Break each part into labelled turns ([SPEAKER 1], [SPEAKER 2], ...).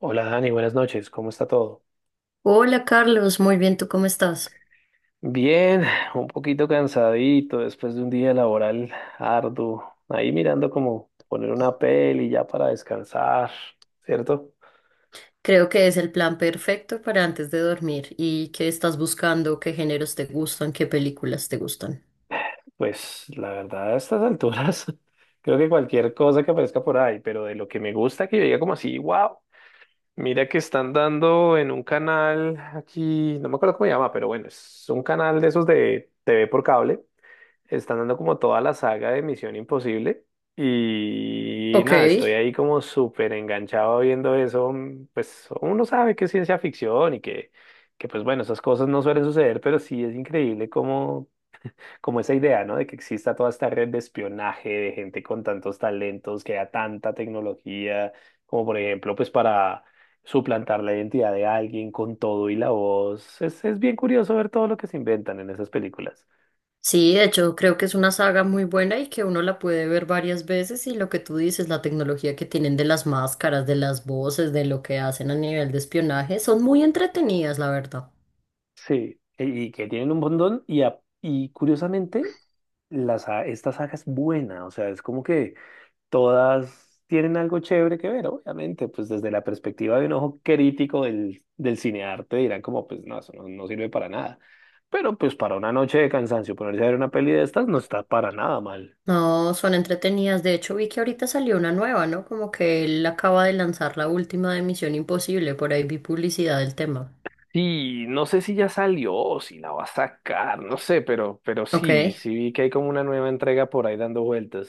[SPEAKER 1] Hola Dani, buenas noches, ¿cómo está todo?
[SPEAKER 2] Hola Carlos, muy bien, ¿tú cómo estás?
[SPEAKER 1] Bien, un poquito cansadito después de un día laboral arduo. Ahí mirando como poner una peli ya para descansar, ¿cierto?
[SPEAKER 2] Creo que es el plan perfecto para antes de dormir. ¿Y qué estás buscando? ¿Qué géneros te gustan? ¿Qué películas te gustan?
[SPEAKER 1] Pues la verdad, a estas alturas, creo que cualquier cosa que aparezca por ahí, pero de lo que me gusta que yo diga como así, wow, mira que están dando en un canal aquí, no me acuerdo cómo se llama, pero bueno, es un canal de esos de TV por cable. Están dando como toda la saga de Misión Imposible y
[SPEAKER 2] Ok.
[SPEAKER 1] nada, estoy ahí como súper enganchado viendo eso. Pues uno sabe que es ciencia ficción y que pues bueno, esas cosas no suelen suceder, pero sí es increíble como, como esa idea, ¿no? De que exista toda esta red de espionaje, de gente con tantos talentos, que haya tanta tecnología, como por ejemplo, pues para... suplantar la identidad de alguien con todo y la voz. Es bien curioso ver todo lo que se inventan en esas películas.
[SPEAKER 2] Sí, de hecho, creo que es una saga muy buena y que uno la puede ver varias veces y lo que tú dices, la tecnología que tienen de las máscaras, de las voces, de lo que hacen a nivel de espionaje, son muy entretenidas, la verdad.
[SPEAKER 1] Sí, y que tienen un montón y, y curiosamente esta saga es buena, o sea, es como que todas tienen algo chévere que ver, obviamente, pues desde la perspectiva de un ojo crítico del cinearte dirán como, pues no, eso no sirve para nada, pero pues para una noche de cansancio ponerse a ver una peli de estas no está para nada mal.
[SPEAKER 2] No, son entretenidas. De hecho, vi que ahorita salió una nueva, ¿no? Como que él acaba de lanzar la última de Misión Imposible, por ahí vi publicidad del tema.
[SPEAKER 1] Sí, no sé si ya salió o si la va a sacar, no sé, pero, pero sí,
[SPEAKER 2] Ok,
[SPEAKER 1] sí vi que hay como una nueva entrega por ahí dando vueltas.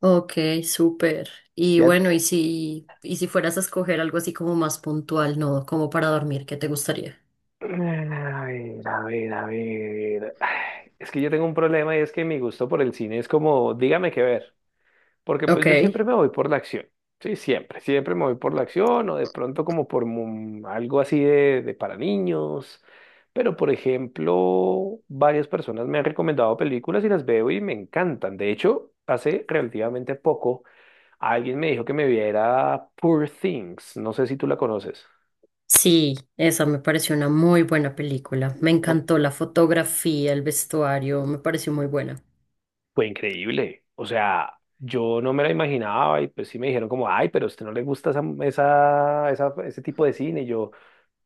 [SPEAKER 2] ok, súper. Y
[SPEAKER 1] ¿Y a,
[SPEAKER 2] bueno, y si fueras a escoger algo así como más puntual, ¿no? Como para dormir, ¿qué te gustaría?
[SPEAKER 1] A ver, a ver. Ay, es que yo tengo un problema y es que mi gusto por el cine es como, dígame qué ver, porque pues
[SPEAKER 2] Ok,
[SPEAKER 1] yo siempre me voy por la acción, sí, siempre me voy por la acción o de pronto como algo así de para niños, pero por ejemplo, varias personas me han recomendado películas y las veo y me encantan. De hecho, hace relativamente poco alguien me dijo que me viera Poor Things, no sé si tú la conoces.
[SPEAKER 2] sí, esa me pareció una muy buena película. Me
[SPEAKER 1] No.
[SPEAKER 2] encantó la fotografía, el vestuario, me pareció muy buena.
[SPEAKER 1] Fue increíble. O sea, yo no me la imaginaba y pues sí me dijeron como, ay, pero a usted no le gusta ese tipo de cine. Y yo,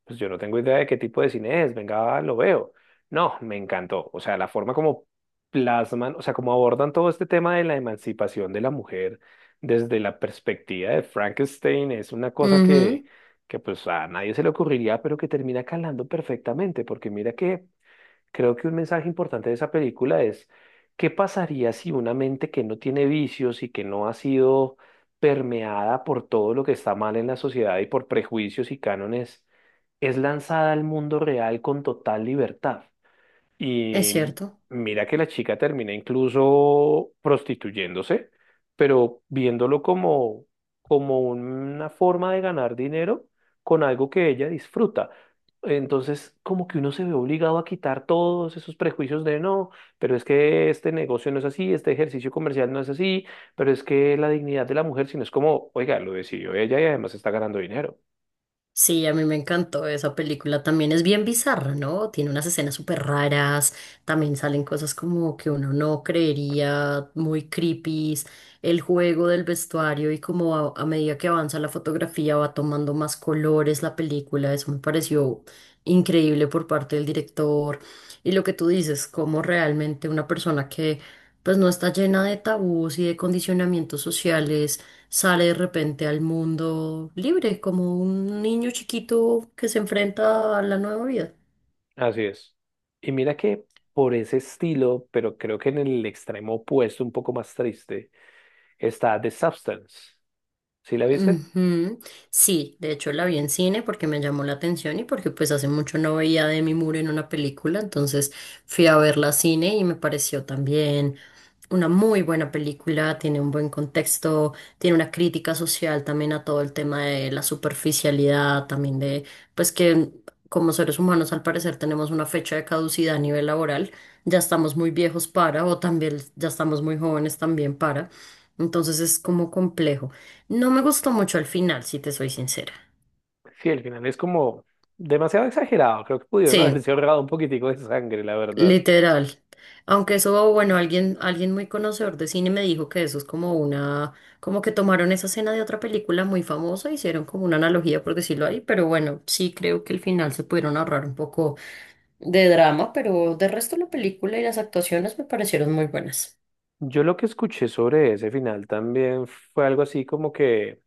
[SPEAKER 1] pues yo no tengo idea de qué tipo de cine es, venga, lo veo. No, me encantó. O sea, la forma como plasman, o sea, como abordan todo este tema de la emancipación de la mujer desde la perspectiva de Frankenstein es una cosa que,
[SPEAKER 2] Ujú,
[SPEAKER 1] que pues a nadie se le ocurriría, pero que termina calando perfectamente, porque mira que... Creo que un mensaje importante de esa película es, ¿qué pasaría si una mente que no tiene vicios y que no ha sido permeada por todo lo que está mal en la sociedad y por prejuicios y cánones, es lanzada al mundo real con total libertad?
[SPEAKER 2] es
[SPEAKER 1] Y
[SPEAKER 2] cierto.
[SPEAKER 1] mira que la chica termina incluso prostituyéndose, pero viéndolo como, como una forma de ganar dinero con algo que ella disfruta. Entonces, como que uno se ve obligado a quitar todos esos prejuicios de no, pero es que este negocio no es así, este ejercicio comercial no es así, pero es que la dignidad de la mujer, sino es como, oiga, lo decidió ella y además está ganando dinero.
[SPEAKER 2] Sí, a mí me encantó esa película. También es bien bizarra, ¿no? Tiene unas escenas súper raras. También salen cosas como que uno no creería, muy creepy. El juego del vestuario y como a medida que avanza la fotografía va tomando más colores la película. Eso me pareció increíble por parte del director. Y lo que tú dices, como realmente una persona que pues no está llena de tabús y de condicionamientos sociales sale de repente al mundo libre, como un niño chiquito que se enfrenta a la nueva vida.
[SPEAKER 1] Así es. Y mira que por ese estilo, pero creo que en el extremo opuesto, un poco más triste, está The Substance. ¿Sí la viste?
[SPEAKER 2] Ujú. Sí, de hecho la vi en cine porque me llamó la atención y porque pues hace mucho no veía a Demi Moore en una película, entonces fui a verla a cine y me pareció también una muy buena película, tiene un buen contexto, tiene una crítica social también a todo el tema de la superficialidad, también de pues que como seres humanos al parecer tenemos una fecha de caducidad a nivel laboral, ya estamos muy viejos para o también ya estamos muy jóvenes también para, entonces es como complejo. No me gustó mucho al final, si te soy sincera.
[SPEAKER 1] Sí, el final es como demasiado exagerado. Creo que pudieron
[SPEAKER 2] Sí,
[SPEAKER 1] haberse ahorrado un poquitico de sangre, la verdad.
[SPEAKER 2] literal. Aunque eso, bueno, alguien, alguien muy conocedor de cine me dijo que eso es como una, como que tomaron esa escena de otra película muy famosa, hicieron como una analogía, por decirlo ahí, pero bueno, sí creo que al final se pudieron ahorrar un poco de drama, pero de resto la película y las actuaciones me parecieron muy buenas.
[SPEAKER 1] Yo lo que escuché sobre ese final también fue algo así como que,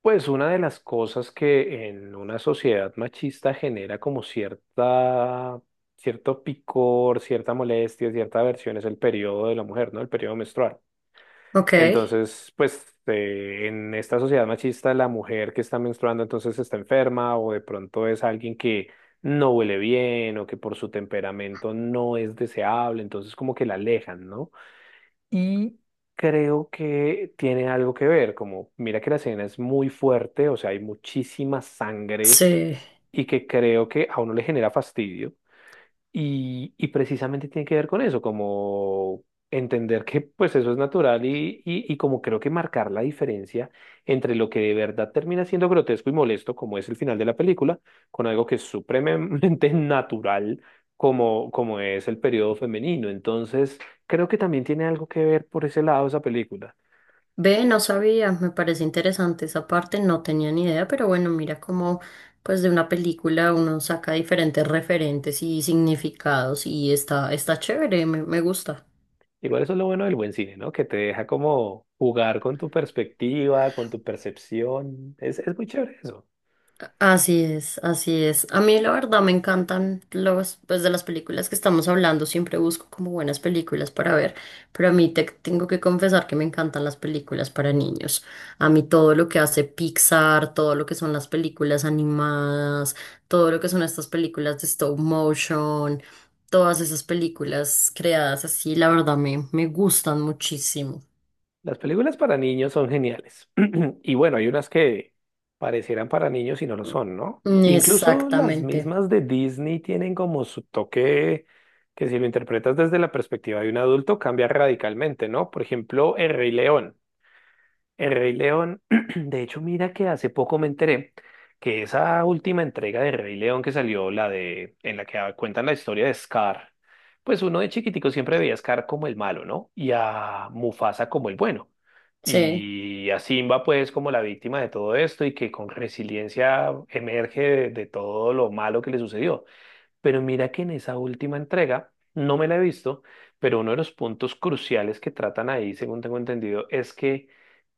[SPEAKER 1] pues una de las cosas que en una sociedad machista genera como cierta, cierto picor, cierta molestia, cierta aversión es el periodo de la mujer, ¿no? El periodo menstrual.
[SPEAKER 2] Ok,
[SPEAKER 1] Entonces, pues en esta sociedad machista, la mujer que está menstruando entonces está enferma o de pronto es alguien que no huele bien o que por su temperamento no es deseable, entonces como que la alejan, ¿no? Y creo que tiene algo que ver, como mira que la escena es muy fuerte, o sea, hay muchísima sangre
[SPEAKER 2] sí.
[SPEAKER 1] y que creo que a uno le genera fastidio. Y precisamente tiene que ver con eso, como entender que pues eso es natural y como creo que marcar la diferencia entre lo que de verdad termina siendo grotesco y molesto, como es el final de la película, con algo que es supremamente natural, como, como es el periodo femenino. Entonces, creo que también tiene algo que ver por ese lado esa película.
[SPEAKER 2] Ve, no sabía, me parece interesante esa parte, no tenía ni idea, pero bueno, mira cómo pues de una película uno saca diferentes referentes y significados y está, está chévere, me gusta.
[SPEAKER 1] Igual eso es lo bueno del buen cine, ¿no? Que te deja como jugar con tu perspectiva, con tu percepción. Es muy chévere eso.
[SPEAKER 2] Así es, así es. A mí la verdad me encantan los, pues de las películas que estamos hablando, siempre busco como buenas películas para ver, pero a mí te tengo que confesar que me encantan las películas para niños. A mí todo lo que hace Pixar, todo lo que son las películas animadas, todo lo que son estas películas de stop motion, todas esas películas creadas así, la verdad me gustan muchísimo.
[SPEAKER 1] Las películas para niños son geniales. Y bueno, hay unas que parecieran para niños y no lo son, ¿no? Incluso las
[SPEAKER 2] Exactamente.
[SPEAKER 1] mismas de Disney tienen como su toque que si lo interpretas desde la perspectiva de un adulto cambia radicalmente, ¿no? Por ejemplo, El Rey León. El Rey León, de hecho, mira que hace poco me enteré que esa última entrega de Rey León que salió, la de, en la que cuentan la historia de Scar, pues uno de chiquitico siempre veía a Scar como el malo, ¿no? Y a Mufasa como el bueno.
[SPEAKER 2] Sí.
[SPEAKER 1] Y a Simba, pues, como la víctima de todo esto y que con resiliencia emerge de todo lo malo que le sucedió. Pero mira que en esa última entrega, no me la he visto, pero uno de los puntos cruciales que tratan ahí, según tengo entendido, es que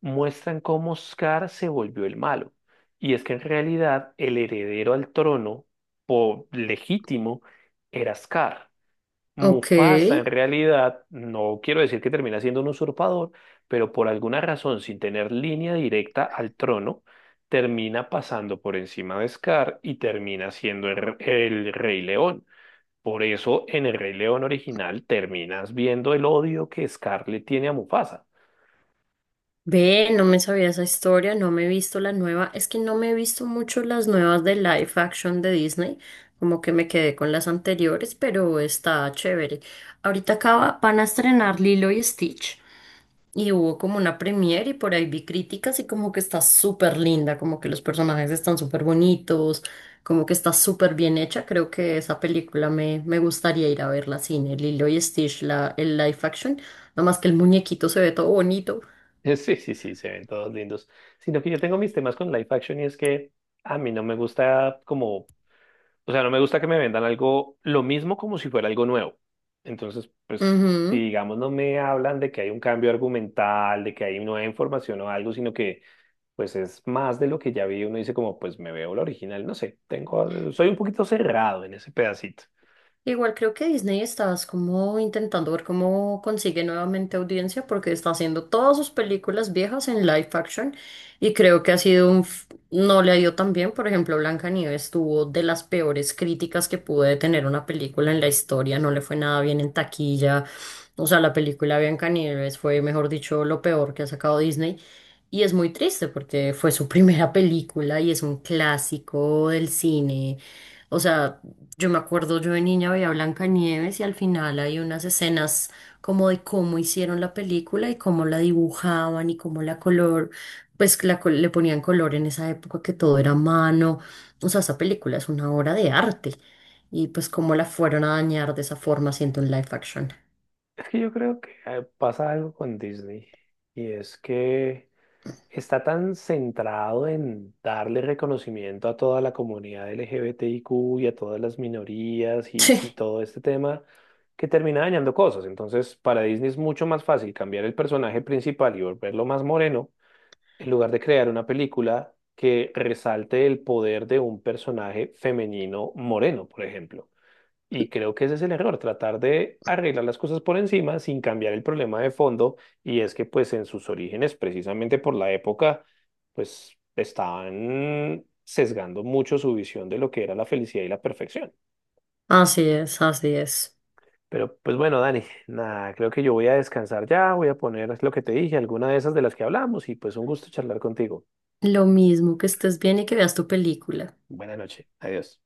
[SPEAKER 1] muestran cómo Scar se volvió el malo. Y es que en realidad el heredero al trono, legítimo, era Scar.
[SPEAKER 2] Ok.
[SPEAKER 1] Mufasa en realidad, no quiero decir que termina siendo un usurpador, pero por alguna razón, sin tener línea directa al trono, termina pasando por encima de Scar y termina siendo el Rey León. Por eso en el Rey León original terminas viendo el odio que Scarlett tiene a Mufasa.
[SPEAKER 2] Ve, no me sabía esa historia, no me he visto la nueva. Es que no me he visto mucho las nuevas de live action de Disney, como que me quedé con las anteriores, pero está chévere. Ahorita acaba, van a estrenar Lilo y Stitch y hubo como una premiere y por ahí vi críticas y como que está súper linda, como que los personajes están súper bonitos, como que está súper bien hecha. Creo que esa película me gustaría ir a verla al cine, Lilo y Stitch, la, el live action, nada más que el muñequito se ve todo bonito.
[SPEAKER 1] Sí, sí, sí, se ven todos lindos. Sino que yo tengo mis temas con live action y es que a mí no me gusta como, o sea, no me gusta que me vendan algo, lo mismo como si fuera algo nuevo. Entonces, pues, si
[SPEAKER 2] Ujú.
[SPEAKER 1] digamos no me hablan de que hay un cambio argumental, de que hay nueva información o algo, sino que pues es más de lo que ya vi, uno dice como, pues me veo la original, no sé, tengo, soy un poquito cerrado en ese pedacito.
[SPEAKER 2] Igual creo que Disney está como intentando ver cómo consigue nuevamente audiencia porque está haciendo todas sus películas viejas en live action y creo que ha sido un... no le ha ido tan bien. Por ejemplo, Blancanieves tuvo de las peores críticas que puede tener una película en la historia, no le fue nada bien en taquilla. O sea, la película Blancanieves fue, mejor dicho, lo peor que ha sacado Disney. Y es muy triste porque fue su primera película y es un clásico del cine. O sea, yo me acuerdo, yo de niña veía Blancanieves y al final hay unas escenas como de cómo hicieron la película y cómo la dibujaban y cómo la color, pues la le ponían color en esa época que todo era a mano. O sea, esa película es una obra de arte y pues cómo la fueron a dañar de esa forma haciendo un live action.
[SPEAKER 1] Es que yo creo que pasa algo con Disney y es que está tan centrado en darle reconocimiento a toda la comunidad LGBTIQ y a todas las minorías y,
[SPEAKER 2] Sí,
[SPEAKER 1] y todo este tema que termina dañando cosas. Entonces, para Disney es mucho más fácil cambiar el personaje principal y volverlo más moreno en lugar de crear una película que resalte el poder de un personaje femenino moreno, por ejemplo. Y creo que ese es el error, tratar de arreglar las cosas por encima sin cambiar el problema de fondo. Y es que pues en sus orígenes, precisamente por la época, pues estaban sesgando mucho su visión de lo que era la felicidad y la perfección.
[SPEAKER 2] así es, así es.
[SPEAKER 1] Pero pues bueno, Dani, nada, creo que yo voy a descansar ya, voy a poner lo que te dije, alguna de esas de las que hablamos y pues un gusto charlar contigo.
[SPEAKER 2] Lo mismo que estés bien y que veas tu película.
[SPEAKER 1] Buenas noches, adiós.